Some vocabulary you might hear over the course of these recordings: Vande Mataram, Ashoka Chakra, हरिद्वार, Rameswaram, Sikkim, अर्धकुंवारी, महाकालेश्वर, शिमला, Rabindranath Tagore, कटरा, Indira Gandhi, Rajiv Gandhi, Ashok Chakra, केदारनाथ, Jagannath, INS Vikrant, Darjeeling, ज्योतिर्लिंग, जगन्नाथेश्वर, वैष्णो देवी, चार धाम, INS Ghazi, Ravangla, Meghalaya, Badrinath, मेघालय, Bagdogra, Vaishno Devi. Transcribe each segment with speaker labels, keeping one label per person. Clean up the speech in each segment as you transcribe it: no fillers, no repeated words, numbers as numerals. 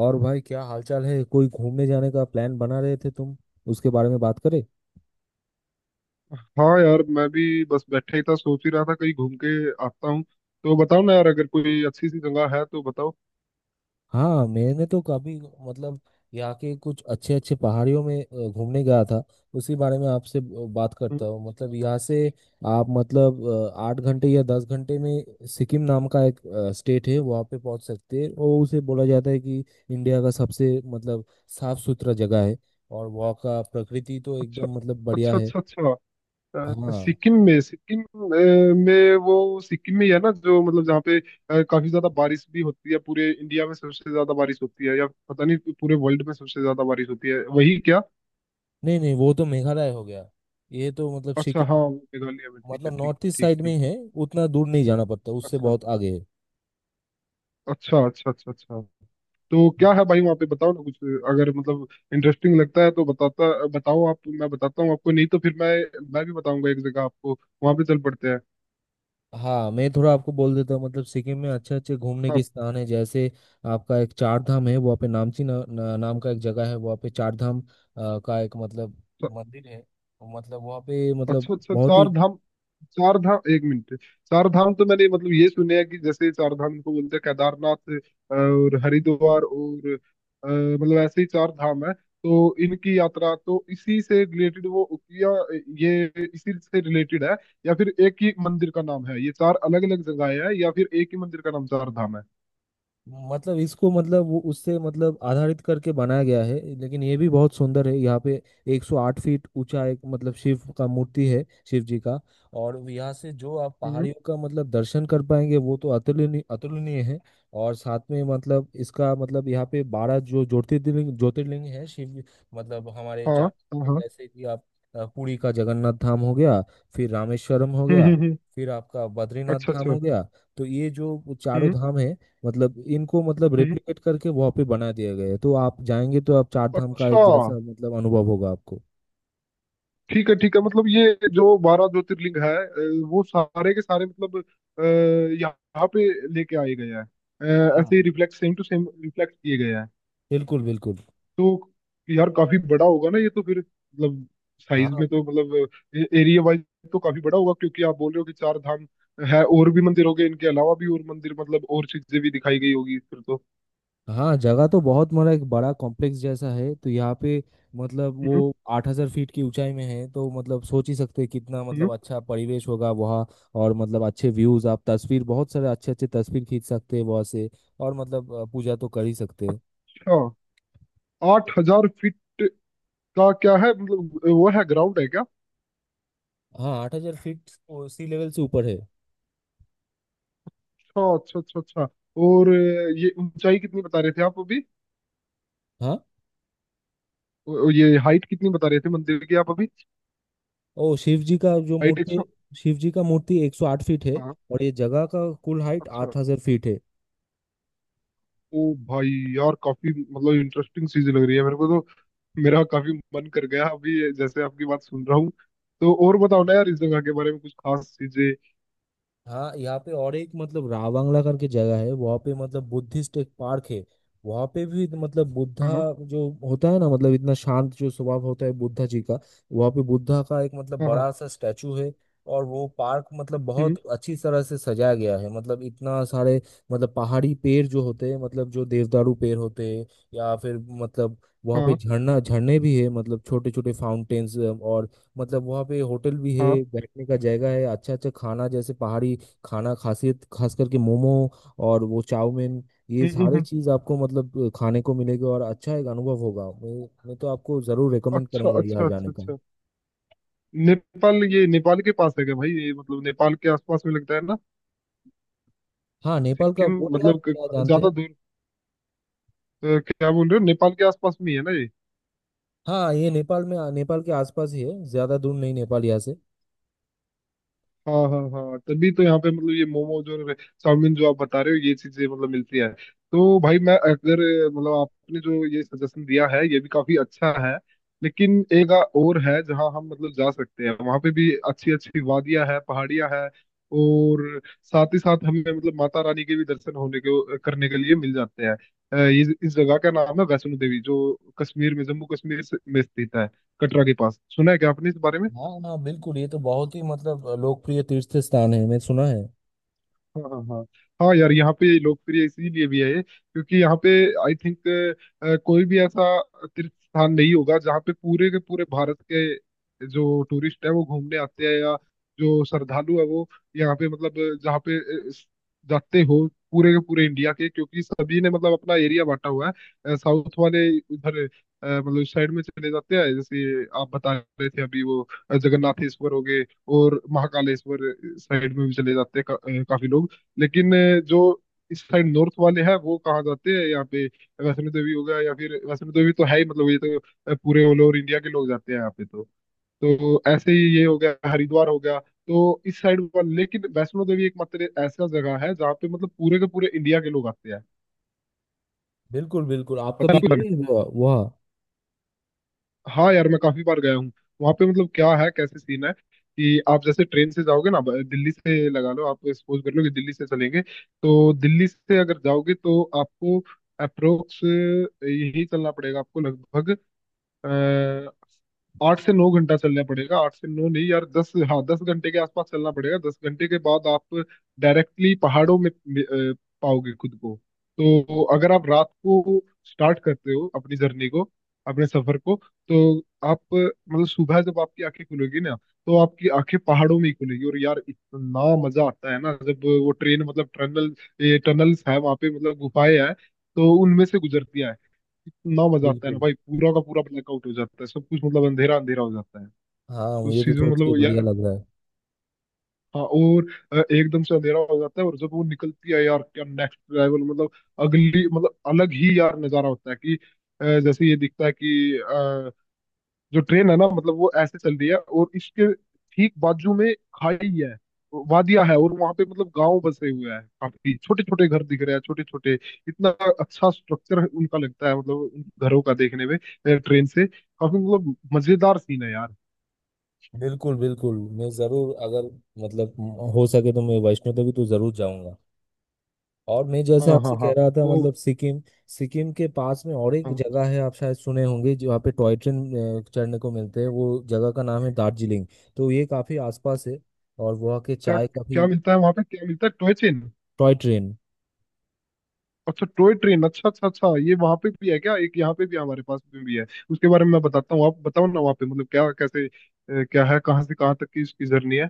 Speaker 1: और भाई क्या हालचाल है? कोई घूमने जाने का प्लान बना रहे थे तुम, उसके बारे में बात करें।
Speaker 2: हाँ यार, मैं भी बस बैठा ही था, सोच ही रहा था कहीं घूम के आता हूँ। तो बताओ ना यार, अगर कोई अच्छी सी जगह है तो बताओ।
Speaker 1: हाँ, मैंने तो काफी मतलब यहाँ के कुछ अच्छे अच्छे पहाड़ियों में घूमने गया था। उसी बारे में आपसे बात करता
Speaker 2: हम्म,
Speaker 1: हूँ। मतलब यहाँ से आप मतलब 8 घंटे या 10 घंटे में सिक्किम नाम का एक स्टेट है, वहाँ पे पहुँच सकते हैं। और उसे बोला जाता है कि इंडिया का सबसे मतलब साफ सुथरा जगह है। और वहाँ का प्रकृति तो
Speaker 2: अच्छा
Speaker 1: एकदम मतलब बढ़िया
Speaker 2: अच्छा
Speaker 1: है।
Speaker 2: अच्छा अच्छा।
Speaker 1: हाँ,
Speaker 2: सिक्किम में वो सिक्किम में ही है ना, जो मतलब जहाँ पे काफी ज्यादा बारिश भी होती है, पूरे इंडिया में सबसे ज्यादा बारिश होती है, या पता नहीं पूरे वर्ल्ड में सबसे ज्यादा बारिश होती है, वही क्या?
Speaker 1: नहीं नहीं वो तो मेघालय हो गया। ये तो मतलब
Speaker 2: अच्छा, हाँ
Speaker 1: सिक्किम
Speaker 2: वो मेघालय में। ठीक है,
Speaker 1: मतलब
Speaker 2: ठीक
Speaker 1: नॉर्थ ईस्ट
Speaker 2: ठीक
Speaker 1: साइड में
Speaker 2: ठीक
Speaker 1: ही
Speaker 2: है।
Speaker 1: है। उतना दूर नहीं जाना पड़ता, उससे
Speaker 2: अच्छा
Speaker 1: बहुत आगे है।
Speaker 2: अच्छा अच्छा अच्छा अच्छा। तो क्या है भाई, वहाँ पे बताओ ना कुछ। अगर मतलब इंटरेस्टिंग लगता है तो बताता। बताओ आप, मैं बताता हूँ आपको, नहीं तो फिर मैं भी बताऊंगा एक जगह आपको। वहाँ पे चल पड़ते हैं।
Speaker 1: हाँ, मैं थोड़ा आपको बोल देता हूँ। मतलब सिक्किम में अच्छे अच्छे घूमने के
Speaker 2: आप।
Speaker 1: स्थान है। जैसे आपका एक चार धाम है वहाँ पे। नामची ना, ना, नाम का एक जगह है, वहाँ पे चार धाम का एक मतलब मंदिर है। मतलब वहाँ पे मतलब
Speaker 2: अच्छा अच्छा,
Speaker 1: बहुत ही
Speaker 2: चार धाम। चार धाम, एक मिनट। चार धाम तो मैंने मतलब ये सुने हैं कि जैसे चार धाम को बोलते हैं केदारनाथ और हरिद्वार और मतलब ऐसे ही चार धाम है। तो इनकी यात्रा तो इसी से रिलेटेड वो, या ये इसी से रिलेटेड है, या फिर एक ही मंदिर का नाम है ये, चार अलग अलग जगह है, या फिर एक ही मंदिर का नाम चार धाम है।
Speaker 1: मतलब इसको मतलब वो उससे मतलब आधारित करके बनाया गया है, लेकिन ये भी बहुत सुंदर है। यहाँ पे 108 फीट ऊंचा एक मतलब शिव का मूर्ति है, शिव जी का। और यहाँ से जो आप
Speaker 2: हम्म।
Speaker 1: पहाड़ियों का मतलब दर्शन कर पाएंगे, वो तो अतुलनीय अतुलनीय है। और साथ में मतलब इसका मतलब यहाँ पे 12 जो ज्योतिर्लिंग ज्योतिर्लिंग है शिव, मतलब हमारे
Speaker 2: हाँ
Speaker 1: चार।
Speaker 2: हाँ हाँ,
Speaker 1: जैसे कि आप पुरी का जगन्नाथ धाम हो गया, फिर रामेश्वरम हो गया,
Speaker 2: हम्म।
Speaker 1: फिर आपका बद्रीनाथ
Speaker 2: अच्छा
Speaker 1: धाम
Speaker 2: अच्छा।
Speaker 1: हो गया। तो ये जो चारों
Speaker 2: हम्म
Speaker 1: धाम है, मतलब इनको मतलब
Speaker 2: हम्म।
Speaker 1: रेप्लिकेट करके वहाँ पे बना दिया गया है। तो आप जाएंगे तो आप चार धाम का
Speaker 2: अच्छा।
Speaker 1: एक जैसा मतलब अनुभव होगा आपको।
Speaker 2: ठीक है, ठीक है, मतलब ये जो 12 ज्योतिर्लिंग है वो सारे के सारे मतलब अ, यहाँ पे लेके आए गए हैं,
Speaker 1: हाँ,
Speaker 2: ऐसे ही reflect, same to same reflect किए गए हैं।
Speaker 1: बिल्कुल बिल्कुल।
Speaker 2: तो यार, काफी बड़ा होगा ना ये तो फिर मतलब, साइज
Speaker 1: हाँ,
Speaker 2: में तो मतलब एरिया वाइज तो काफी बड़ा होगा, क्योंकि आप बोल रहे हो कि चार धाम है और भी मंदिर हो गए, इनके अलावा भी और मंदिर मतलब और चीजें भी दिखाई गई होगी फिर तो।
Speaker 1: हाँ, जगह तो बहुत बड़ा, एक बड़ा कॉम्प्लेक्स जैसा है। तो यहाँ पे मतलब वो
Speaker 2: हम्म।
Speaker 1: 8000 फीट की ऊंचाई में है। तो मतलब सोच ही सकते हैं कितना
Speaker 2: हम्म,
Speaker 1: मतलब अच्छा परिवेश होगा वहाँ। और मतलब अच्छे व्यूज, आप तस्वीर, बहुत सारे अच्छे अच्छे तस्वीर खींच सकते हैं वहाँ से। और मतलब पूजा तो कर ही सकते हो।
Speaker 2: अच्छा, 8,000 फीट का क्या है, मतलब वो है, ग्राउंड है क्या?
Speaker 1: हाँ, 8000 फीट सी लेवल से ऊपर है।
Speaker 2: अच्छा अच्छा अच्छा अच्छा। और ये ऊंचाई कितनी बता रहे थे आप अभी?
Speaker 1: हाँ।
Speaker 2: ये हाइट कितनी बता रहे थे मंदिर की आप अभी?
Speaker 1: ओ, शिव जी का जो
Speaker 2: हाइट एक
Speaker 1: मूर्ति,
Speaker 2: सौ
Speaker 1: शिव जी का मूर्ति 108 फीट है।
Speaker 2: हाँ।
Speaker 1: और ये जगह का कुल हाइट
Speaker 2: अच्छा।
Speaker 1: 8000 फीट है।
Speaker 2: ओ भाई, यार काफी मतलब इंटरेस्टिंग चीज लग रही है मेरे को तो। मेरा काफी मन कर गया अभी ये, जैसे आपकी बात सुन रहा हूँ। तो और बताओ ना यार, इस जगह के बारे में कुछ खास चीजें।
Speaker 1: हाँ, यहाँ पे और एक मतलब रावंगला करके जगह है। वहाँ पे मतलब बुद्धिस्ट एक पार्क है। वहाँ पे भी मतलब बुद्धा
Speaker 2: हाँ
Speaker 1: जो होता है ना, मतलब इतना शांत जो स्वभाव होता है बुद्धा जी का, वहाँ पे बुद्धा का एक मतलब
Speaker 2: हाँ हाँ।
Speaker 1: बड़ा सा स्टैचू है। और वो पार्क मतलब बहुत
Speaker 2: हम्म।
Speaker 1: अच्छी तरह से सजाया गया है। मतलब इतना सारे मतलब पहाड़ी पेड़ जो होते हैं, मतलब जो देवदारू पेड़ होते हैं, या फिर मतलब वहाँ पे
Speaker 2: हाँ
Speaker 1: झरना झरने भी है, मतलब छोटे छोटे फाउंटेन्स। और मतलब वहाँ पे होटल भी
Speaker 2: हाँ।
Speaker 1: है, बैठने का जगह है। अच्छा अच्छा खाना, जैसे पहाड़ी खाना, खासियत खास करके मोमो और वो चाउमीन, ये
Speaker 2: हम्म हम्म
Speaker 1: सारे
Speaker 2: हम्म।
Speaker 1: चीज आपको मतलब खाने को मिलेगी। और अच्छा एक अनुभव होगा, मैं तो आपको जरूर रेकमेंड
Speaker 2: अच्छा
Speaker 1: करूंगा यहाँ
Speaker 2: अच्छा
Speaker 1: जाने
Speaker 2: अच्छा
Speaker 1: का।
Speaker 2: अच्छा। नेपाल, ये नेपाल के पास है क्या भाई, ये मतलब नेपाल के आसपास में लगता है ना?
Speaker 1: हाँ, नेपाल का
Speaker 2: सिक्किम
Speaker 1: बोलिए, आप
Speaker 2: मतलब
Speaker 1: क्या जानते हैं।
Speaker 2: ज्यादा दूर। तो क्या बोल रहे हो, नेपाल के आसपास में ही है ना ये?
Speaker 1: हाँ, ये नेपाल में, नेपाल के आसपास ही है। ज्यादा दूर नहीं नेपाल यहाँ से।
Speaker 2: हाँ हाँ हाँ, तभी तो यहाँ पे मतलब ये मोमोज और चाउमीन जो आप बता रहे हो, ये चीजें मतलब मिलती है। तो भाई मैं अगर मतलब, आपने जो ये सजेशन दिया है ये भी काफी अच्छा है, लेकिन एक जगह और है जहाँ हम मतलब जा सकते हैं, वहाँ पे भी अच्छी अच्छी वादियाँ है, पहाड़ियाँ है, और साथ ही साथ हमें मतलब माता रानी के भी दर्शन होने के, करने के लिए मिल जाते हैं। ये, इस जगह का नाम है वैष्णो देवी, जो कश्मीर में, जम्मू कश्मीर में स्थित है, कटरा के पास। सुना है क्या आपने इस बारे में?
Speaker 1: हाँ हाँ, बिल्कुल, ये तो बहुत ही मतलब लोकप्रिय तीर्थ स्थान है, मैं सुना है।
Speaker 2: हाँ हाँ हाँ। हाँ यार, यहाँ पे लोकप्रिय इसीलिए भी है, क्योंकि यहाँ पे, आई थिंक, कोई भी ऐसा तीर्थ स्थान नहीं होगा जहाँ पे पूरे के पूरे भारत के जो टूरिस्ट है वो घूमने आते हैं, या जो श्रद्धालु है वो यहाँ पे मतलब, जहाँ पे अ, स- जाते हो, पूरे के पूरे इंडिया के, क्योंकि सभी ने मतलब अपना एरिया बांटा हुआ है। साउथ वाले उधर मतलब साइड में चले जाते हैं, जैसे आप बता रहे थे अभी वो जगन्नाथेश्वर हो गए और महाकालेश्वर साइड में भी चले जाते हैं काफी लोग। लेकिन जो इस साइड नॉर्थ वाले हैं वो कहाँ जाते हैं यहाँ पे? वैष्णो देवी हो गया, या फिर वैष्णो देवी तो है ही, मतलब ये तो पूरे ऑल ओवर इंडिया के लोग जाते हैं यहाँ पे। तो ऐसे ही ये हो गया, हरिद्वार हो गया, तो इस साइड वाले, लेकिन वैष्णो देवी एकमात्र ऐसा जगह है जहाँ पे मतलब पूरे के पूरे इंडिया के लोग आते हैं।
Speaker 1: बिल्कुल बिल्कुल, आप
Speaker 2: पता है
Speaker 1: कभी गए
Speaker 2: आपको?
Speaker 1: हैं वहाँ?
Speaker 2: हाँ यार, मैं काफी बार गया हूँ। वहाँ पे मतलब क्या है, कैसे सीन है कि, आप जैसे ट्रेन से जाओगे ना, दिल्ली से लगा लो, आप सपोज कर लो कि दिल्ली से चलेंगे, तो दिल्ली से अगर जाओगे तो आपको अप्रोक्स यही चलना पड़ेगा, आपको लगभग अ, 8 से 9 घंटा चलना पड़ेगा। 8 से 9 नहीं यार, 10, हाँ, 10 घंटे के आसपास चलना पड़ेगा। 10 घंटे के बाद आप डायरेक्टली पहाड़ों में पाओगे खुद को। तो अगर आप रात को स्टार्ट करते हो अपनी जर्नी को, अपने सफर को, तो आप मतलब सुबह जब आपकी आंखें खुलेगी ना, तो आपकी आंखें पहाड़ों में ही खुलेगी, और यार इतना मजा आता है ना, जब वो ट्रेन मतलब टनल, ये टनल्स है वहां पे मतलब गुफाएं हैं, तो उनमें से गुजरती है। इतना मजा आता है ना
Speaker 1: बिल्कुल,
Speaker 2: भाई, पूरा का पूरा ब्लैकआउट हो जाता है, सब कुछ मतलब अंधेरा अंधेरा हो जाता है
Speaker 1: हाँ, मुझे
Speaker 2: उस
Speaker 1: तो
Speaker 2: चीज में,
Speaker 1: सोच के
Speaker 2: मतलब
Speaker 1: बढ़िया
Speaker 2: यार।
Speaker 1: लग रहा है।
Speaker 2: हाँ। और एकदम से अंधेरा हो जाता है, और जब वो निकलती है यार, क्या नेक्स्ट लेवल, मतलब अगली मतलब अलग ही यार नजारा होता है कि जैसे ये दिखता है कि जो ट्रेन है ना, मतलब वो ऐसे चल रही है, और इसके ठीक बाजू में खाई है, वादिया है, और वहां पे मतलब गांव बसे हुए हैं, काफी छोटे छोटे घर दिख रहे हैं, छोटे छोटे, इतना अच्छा स्ट्रक्चर उनका लगता है, मतलब उन घरों का देखने में, ट्रेन से काफी मतलब मजेदार सीन है यार।
Speaker 1: बिल्कुल बिल्कुल, मैं ज़रूर, अगर मतलब हो सके तो मैं वैष्णो देवी तो ज़रूर जाऊंगा। और मैं जैसे
Speaker 2: हाँ हाँ
Speaker 1: आपसे कह
Speaker 2: हाँ।
Speaker 1: रहा था
Speaker 2: वो।
Speaker 1: मतलब सिक्किम, सिक्किम के पास में और एक
Speaker 2: हाँ।
Speaker 1: जगह है, आप शायद सुने होंगे, जो वहाँ पे टॉय ट्रेन चढ़ने को मिलते हैं, वो जगह का नाम है दार्जिलिंग। तो ये काफ़ी आसपास है। और वहाँ के
Speaker 2: क्या
Speaker 1: चाय काफ़ी।
Speaker 2: क्या मिलता है वहां पे, क्या मिलता है? Toy train?
Speaker 1: Toy train.
Speaker 2: अच्छा, टॉय ट्रेन, अच्छा अच्छा अच्छा। ये वहां पे भी है क्या? एक यहाँ पे भी है, हमारे पास में भी है। उसके बारे में मैं बताता हूँ। आप बताओ ना, वहाँ पे मतलब क्या, कैसे क्या है, कहाँ से कहाँ तक की इसकी जर्नी है?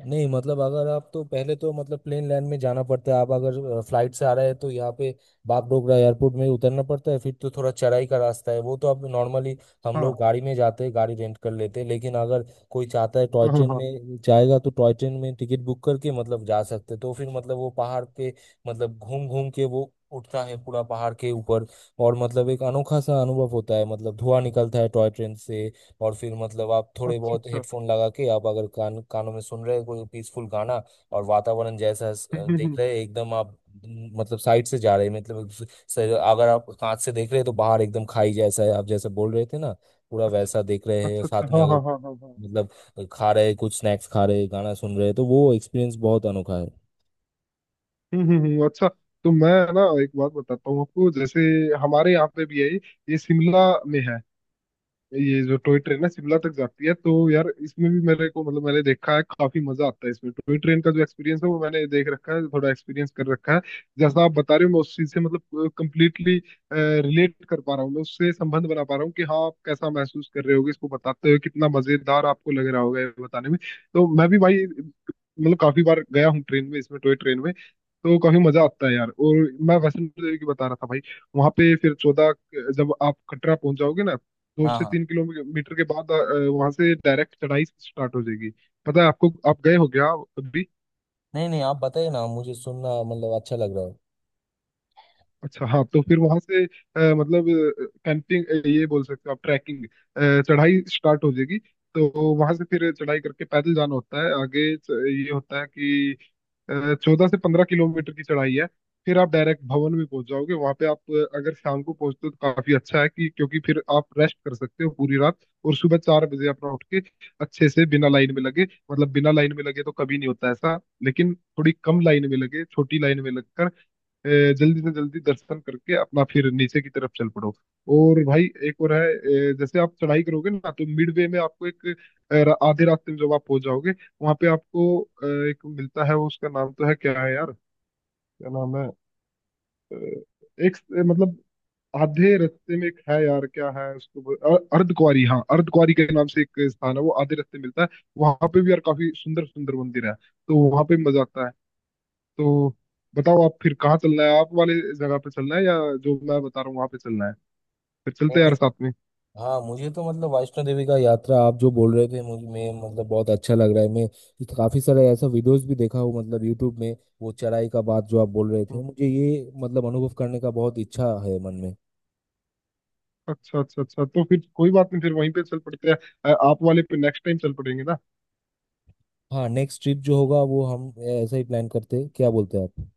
Speaker 1: नहीं, मतलब अगर आप तो पहले तो मतलब प्लेन लैंड में जाना पड़ता है। आप अगर फ्लाइट से आ रहे हैं तो यहाँ पे बागडोगरा एयरपोर्ट में उतरना पड़ता है। फिर तो थोड़ा चढ़ाई का रास्ता है, वो तो आप नॉर्मली, हम लोग
Speaker 2: हाँ
Speaker 1: गाड़ी में जाते हैं, गाड़ी रेंट कर लेते हैं। लेकिन अगर कोई चाहता है टॉय
Speaker 2: हाँ हाँ
Speaker 1: ट्रेन
Speaker 2: हाँ,
Speaker 1: में जाएगा तो टॉय ट्रेन में टिकट बुक करके मतलब जा सकते हैं। तो फिर मतलब वो पहाड़ पे मतलब घूम घूम के वो उठता है पूरा पहाड़ के ऊपर। और मतलब एक अनोखा सा अनुभव होता है, मतलब धुआं निकलता है टॉय ट्रेन से। और फिर मतलब आप थोड़े
Speaker 2: अच्छा
Speaker 1: बहुत
Speaker 2: अच्छा।
Speaker 1: हेडफोन लगा के आप अगर कानों में सुन रहे हैं कोई पीसफुल गाना, और वातावरण जैसा
Speaker 2: हम्म हम्म
Speaker 1: देख
Speaker 2: हम्म,
Speaker 1: रहे हैं एकदम आप, मतलब साइड से जा रहे हैं, अगर आप कांच से देख रहे हैं तो बाहर एकदम खाई जैसा है, आप जैसे बोल रहे थे ना, पूरा वैसा
Speaker 2: अच्छा
Speaker 1: देख रहे हैं।
Speaker 2: अच्छा अच्छा।
Speaker 1: साथ में
Speaker 2: हाँ
Speaker 1: अगर
Speaker 2: हाँ हाँ हाँ हाँ।
Speaker 1: मतलब खा रहे हैं कुछ स्नैक्स, खा रहे हैं, गाना सुन रहे हैं, तो वो एक्सपीरियंस बहुत अनोखा है।
Speaker 2: अच्छा। तो मैं ना एक बात बताता हूँ आपको, जैसे हमारे यहाँ पे भी है ये शिमला में है। ये जो टॉय ट्रेन है शिमला तक जाती है, तो यार इसमें भी मेरे को मतलब मैंने देखा है, काफी मजा आता है इसमें, टॉय ट्रेन का जो एक्सपीरियंस है वो मैंने देख रखा है, थोड़ा एक्सपीरियंस कर रखा है। जैसा आप बता रहे हो मैं उस चीज से मतलब कंप्लीटली रिलेट कर पा रहा हूँ, मैं उससे संबंध बना पा रहा हूँ कि, हाँ आप कैसा महसूस कर रहे होगे इसको बताते हुए, कितना मजेदार आपको लग रहा होगा ये बताने में। तो मैं भी भाई मतलब काफी बार गया हूँ ट्रेन में, इसमें टॉय ट्रेन में, तो काफी मजा आता है यार। और मैं वैष्णो देवी की बता रहा था भाई। वहां पे फिर 14, जब आप कटरा पहुंच जाओगे ना, दो
Speaker 1: हाँ
Speaker 2: से
Speaker 1: हाँ।
Speaker 2: तीन किलोमीटर के बाद वहां से डायरेक्ट चढ़ाई स्टार्ट हो जाएगी। पता है आपको, आप गए हो क्या अभी?
Speaker 1: नहीं नहीं, आप बताइए ना, मुझे सुनना मतलब अच्छा लग रहा है।
Speaker 2: अच्छा, हाँ। तो फिर वहां से मतलब कैंपिंग, ये बोल सकते हो आप, ट्रैकिंग, चढ़ाई स्टार्ट हो जाएगी। तो वहां से फिर चढ़ाई करके पैदल जाना होता है आगे, ये होता है कि 14 से 15 किलोमीटर की चढ़ाई है। फिर आप डायरेक्ट भवन में पहुंच जाओगे। वहां पे आप अगर शाम को पहुंचते हो तो काफी अच्छा है कि, क्योंकि फिर आप रेस्ट कर सकते हो पूरी रात, और सुबह 4 बजे अपना उठ के, अच्छे से, बिना लाइन में लगे, मतलब बिना लाइन में लगे तो कभी नहीं होता ऐसा, लेकिन थोड़ी कम लाइन में लगे, छोटी लाइन में लगकर अ, जल्दी से जल्दी दर्शन करके अपना फिर नीचे की तरफ चल पड़ो। और भाई एक और है, जैसे आप चढ़ाई करोगे ना, तो मिड वे में आपको एक आधे रास्ते में जब आप पहुंच जाओगे, वहां पे आपको एक मिलता है वो, उसका नाम तो है, क्या है यार, क्या नाम है एक मतलब, आधे रास्ते में एक है यार, क्या है उसको अर्धकुंवारी, हाँ अर्धकुंवारी के नाम से एक स्थान है वो, आधे रास्ते मिलता है। वहां पे भी यार काफी सुंदर सुंदर मंदिर है, तो वहां पे भी मजा आता है। तो बताओ आप, फिर कहाँ चलना है, आप वाले जगह पे चलना है, या जो मैं बता रहा हूँ वहां पे चलना है? फिर
Speaker 1: नहीं
Speaker 2: चलते हैं
Speaker 1: नहीं
Speaker 2: यार साथ में।
Speaker 1: हाँ, मुझे तो मतलब वैष्णो देवी का यात्रा आप जो बोल रहे थे, मुझे मैं मतलब बहुत अच्छा लग रहा है। काफी सारे ऐसा वीडियोस भी देखा हूँ मतलब यूट्यूब में। वो चढ़ाई का बात जो आप बोल रहे थे,
Speaker 2: हम्म,
Speaker 1: मुझे ये मतलब अनुभव करने का बहुत इच्छा है मन में।
Speaker 2: अच्छा अच्छा अच्छा। तो फिर कोई बात नहीं, फिर वहीं पे चल पड़ते हैं। आप वाले पे नेक्स्ट टाइम चल पड़ेंगे ना।
Speaker 1: हाँ, नेक्स्ट ट्रिप जो होगा वो हम ऐसा ही प्लान करते हैं, क्या बोलते हैं आप?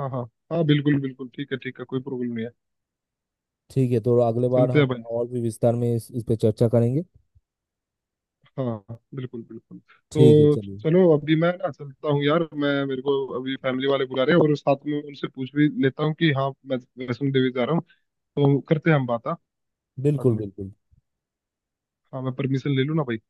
Speaker 2: हाँ हाँ हाँ, बिल्कुल बिल्कुल, ठीक है ठीक है, कोई प्रॉब्लम नहीं है।
Speaker 1: ठीक है, तो अगले बार
Speaker 2: चलते
Speaker 1: हम
Speaker 2: हैं भाई।
Speaker 1: और भी विस्तार में इस पे चर्चा करेंगे।
Speaker 2: हाँ हाँ, बिल्कुल बिल्कुल
Speaker 1: ठीक है,
Speaker 2: तो।
Speaker 1: चलिए।
Speaker 2: चलो, अभी मैं ना चलता हूँ यार, मैं मेरे को अभी फैमिली वाले बुला रहे हैं, और साथ में उनसे पूछ भी लेता हूँ कि हाँ, मैं वैष्णो देवी जा रहा हूँ। तो करते हैं हम बात हाँ, बाद
Speaker 1: बिल्कुल
Speaker 2: में।
Speaker 1: बिल्कुल।
Speaker 2: हाँ, मैं परमिशन ले लूँ ना भाई।